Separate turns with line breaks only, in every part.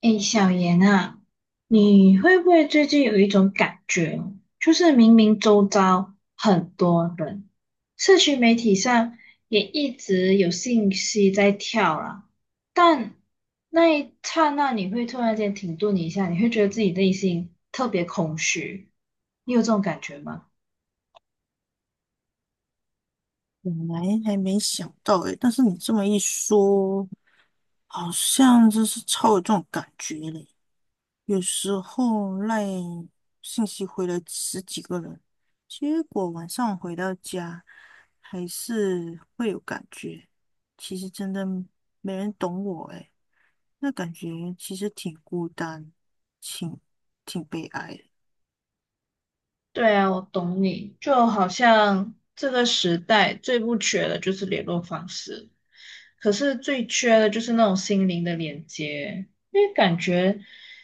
哎，小严啊，你会不会最近有一种感觉哦就是明明周遭很多人，社群媒体上也一直有信息在跳啦，但那一刹那你会突然间停顿一下，你会觉得自己内心特别空虚，你有这种感觉吗？
本来还没想到诶，但是你这么一说，好像真是超有这种感觉嘞。有时候赖信息回了10几个人，结果晚上回到家还是会有感觉。其实真的没人懂我诶，那感觉其实挺孤单，挺挺悲哀的。
对啊，我懂你，就好像这个时代最不缺的就是联络方式。可是最缺的就是那种心灵的连接，因为感觉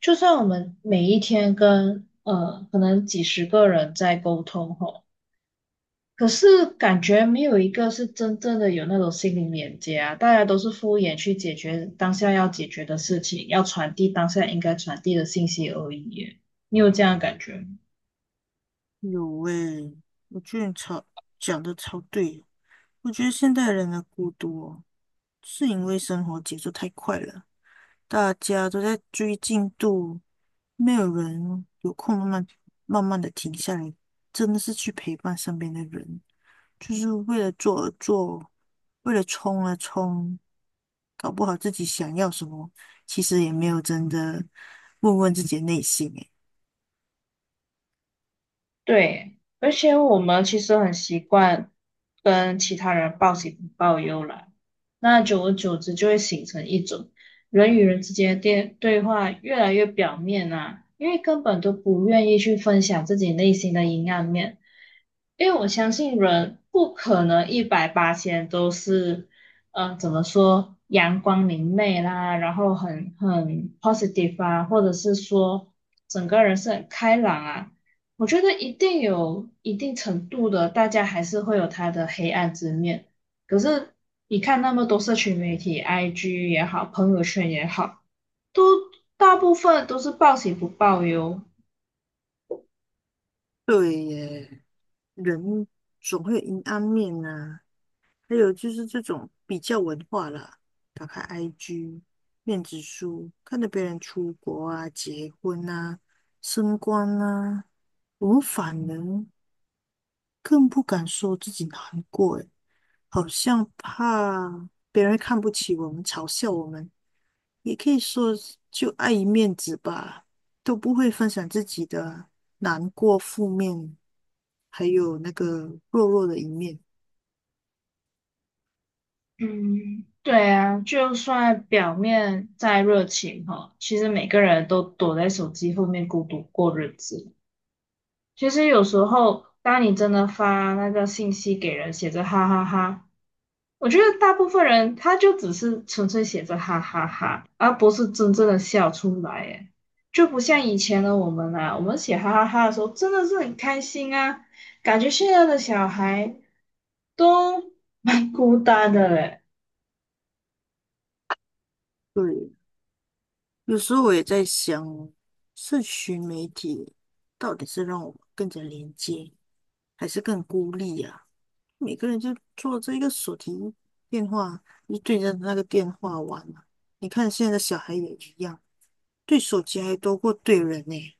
就算我们每一天跟可能几十个人在沟通吼，可是感觉没有一个是真正的有那种心灵连接啊，大家都是敷衍去解决当下要解决的事情，要传递当下应该传递的信息而已耶。你有这样的感觉吗？
有诶，我觉得你超讲的超对哦，我觉得现代人的孤独哦。是因为生活节奏太快了，大家都在追进度，没有人有空慢慢的停下来，真的是去陪伴身边的人，就是为了做而做，为了冲而冲，搞不好自己想要什么，其实也没有真的问问自己的内心。诶，
对，而且我们其实很习惯跟其他人报喜不报忧啦，那久而久之就会形成一种人与人之间的电对话越来越表面啊，因为根本都不愿意去分享自己内心的阴暗面，因为我相信人不可能一百八千都是，嗯，怎么说阳光明媚啦，然后很 positive 啊，或者是说整个人是很开朗啊。我觉得一定有一定程度的，大家还是会有他的黑暗之面。可是你看那么多社群媒体，IG 也好，朋友圈也好，都大部分都是报喜不报忧。
对耶，人总会有阴暗面啊。还有就是这种比较文化啦，打开 IG、面子书，看着别人出国啊、结婚啊、升官啊，我们反而更不敢说自己难过，诶，好像怕别人看不起我们、嘲笑我们，也可以说就碍于面子吧，都不会分享自己的难过、负面，还有那个弱弱的一面。
嗯，对啊，就算表面再热情哈，其实每个人都躲在手机后面孤独过日子。其实有时候，当你真的发那个信息给人，写着哈哈哈。我觉得大部分人他就只是纯粹写着哈哈哈，而不是真正的笑出来，哎，就不像以前的我们啊，我们写哈哈哈的时候真的是很开心啊，感觉现在的小孩都蛮孤单的嘞。
对，有时候我也在想，社群媒体到底是让我们更加连接，还是更孤立啊？每个人就做这一个手提电话，就对着那个电话玩啊。你看现在的小孩也一样，对手机还多过对人呢、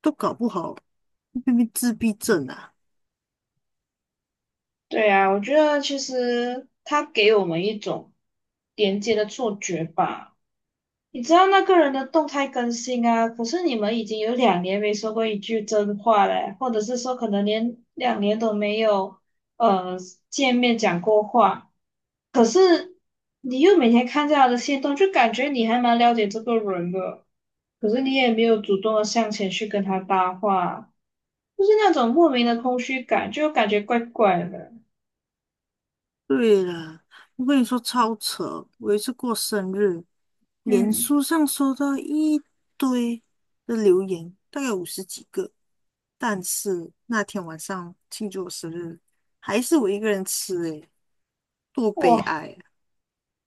都搞不好会变成自闭症啊。
对啊，我觉得其实他给我们一种连接的错觉吧。你知道那个人的动态更新啊，可是你们已经有两年没说过一句真话了，或者是说可能连两年都没有呃讲过话，可是你又每天看着他的行动，就感觉你还蛮了解这个人的，可是你也没有主动的向前去跟他搭话，就是那种莫名的空虚感，就感觉怪怪的。
对了，我跟你说超扯！我有一次过生日，脸
嗯，
书上收到一堆的留言，大概50几个。但是那天晚上庆祝我生日，还是我一个人吃、诶，多悲
哇。
哀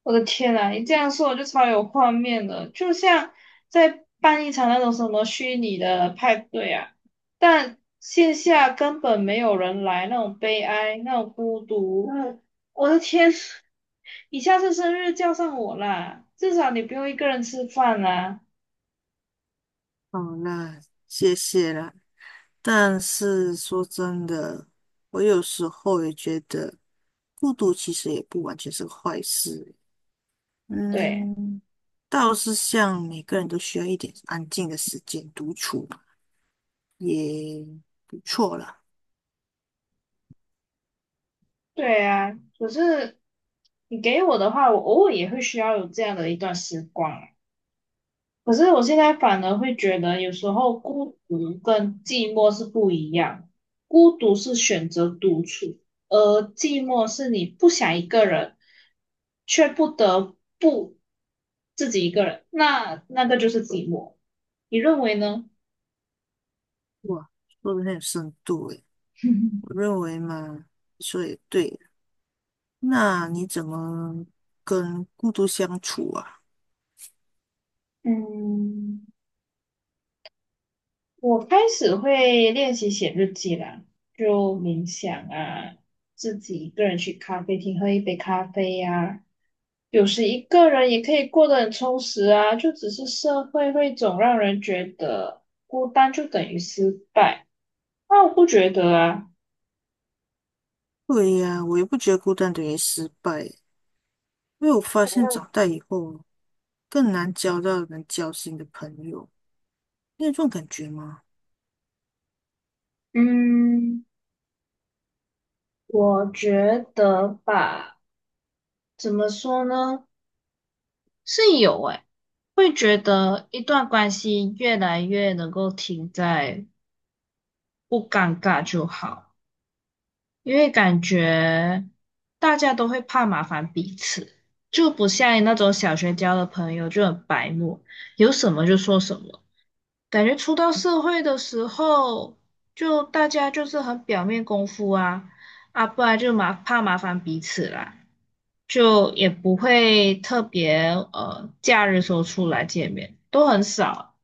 我的天呐，你这样说我就超有画面了，就像在办一场那种什么虚拟的派对啊，但线下根本没有人来，那种悲哀，那种孤独。嗯我的天，你下次生日叫上我啦，至少你不用一个人吃饭啦。
啊！好啦，谢谢啦。但是说真的，我有时候也觉得，孤独其实也不完全是个坏事。
对，
嗯，倒是像每个人都需要一点安静的时间独处也不错啦。
对啊，可是你给我的话，我偶尔也会需要有这样的一段时光啊。可是我现在反而会觉得，有时候孤独跟寂寞是不一样。孤独是选择独处，而寂寞是你不想一个人，却不得不自己一个人，那个就是寂寞。你认为呢？
哇，说的很有深度诶，我认为嘛，说也对。那你怎么跟孤独相处啊？
嗯，我开始会练习写日记啦，就冥想啊，自己一个人去咖啡厅喝一杯咖啡呀、有时一个人也可以过得很充实啊，就只是社会会总让人觉得孤单就等于失败，那我不觉得啊。
对呀，我也不觉得孤单等于失败欸，因为我发现长大以后更难交到能交心的朋友，你有这种感觉吗？
嗯，我觉得吧，怎么说呢？是有诶，会觉得一段关系越来越能够停在不尴尬就好，因为感觉大家都会怕麻烦彼此，就不像那种小学交的朋友就很白目，有什么就说什么。感觉出到社会的时候，就大家就是很表面功夫啊，啊，不然就麻怕麻烦彼此啦，就也不会特别假日时候出来见面，都很少，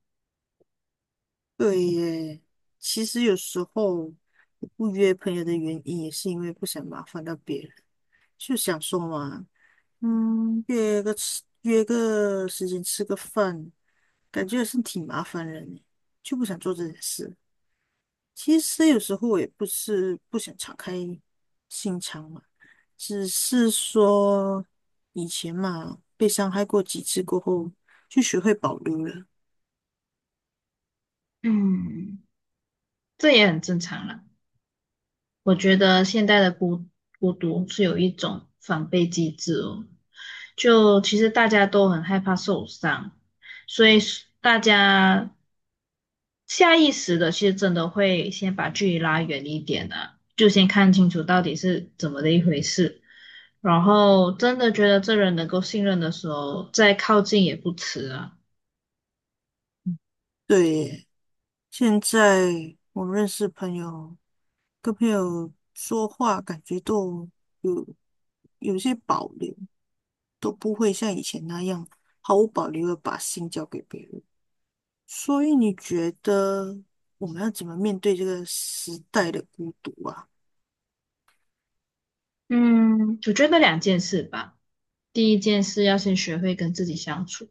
对耶，其实有时候我不约朋友的原因，也是因为不想麻烦到别人，就想说嘛，嗯，约个吃约个时间吃个饭，感觉是挺麻烦人的就不想做这件事。其实有时候我也不是不想敞开心肠嘛，只是说以前嘛，被伤害过几次过后，就学会保留了。
嗯，这也很正常啦。我觉得现代的孤独是有一种防备机制哦，就其实大家都很害怕受伤，所以是大家下意识的其实真的会先把距离拉远一点啊，就先看清楚到底是怎么的一回事，然后真的觉得这人能够信任的时候，再靠近也不迟啊。
对耶。现在我认识朋友，跟朋友说话感觉都有有些保留，都不会像以前那样毫无保留的把心交给别人。所以你觉得我们要怎么面对这个时代的孤独啊？
嗯，我觉得两件事吧，第一件事要先学会跟自己相处。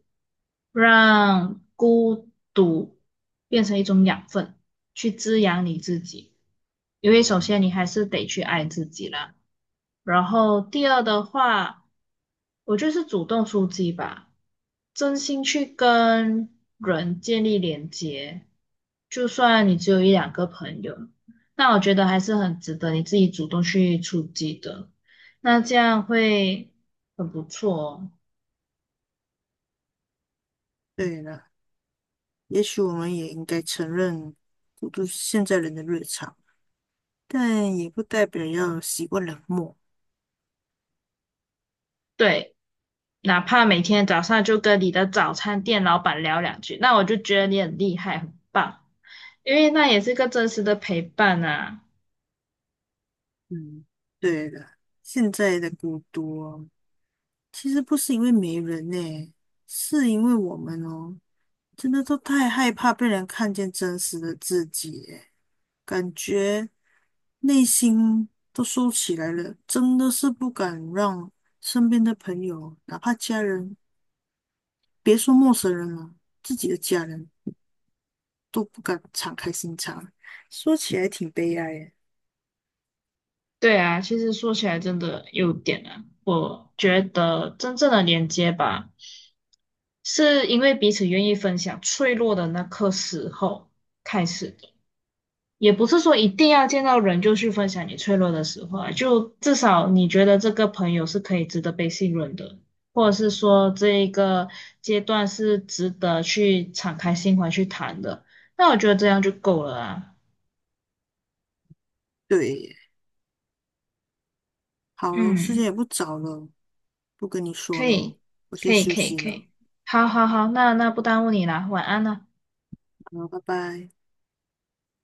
让孤独变成一种养分，去滋养你自己。因为首先你还是得去爱自己啦。然后第二的话，我就是主动出击吧，真心去跟人建立连接。就算你只有一两个朋友，那我觉得还是很值得你自己主动去出击的。那这样会很不错哦。
对了，也许我们也应该承认孤独是现在人的日常，但也不代表要习惯冷漠。
对，哪怕每天早上就跟你的早餐店老板聊两句，那我就觉得你很厉害，很棒，因为那也是个真实的陪伴啊。
嗯，对的，现在的孤独哦其实不是因为没人呢、是因为我们哦，真的都太害怕被人看见真实的自己耶感觉内心都收起来了，真的是不敢让身边的朋友，哪怕家人，别说陌生人了，自己的家人都不敢敞开心肠。说起来挺悲哀耶、欸
对啊，其实说起来真的有点啊，我觉得真正的连接吧，是因为彼此愿意分享脆弱的那刻时候开始的。也不是说一定要见到人就去分享你脆弱的时候啊，就至少你觉得这个朋友是可以值得被信任的，或者是说这一个阶段是值得去敞开心怀去谈的，那我觉得这样就够了啊。
对耶好了，时间也
嗯，
不早了，不跟你说
可
了，
以，
我
可
先
以，
休
可以，
息
可
了，
以。好好好，那不耽误你啦，晚安啦。
好，拜拜。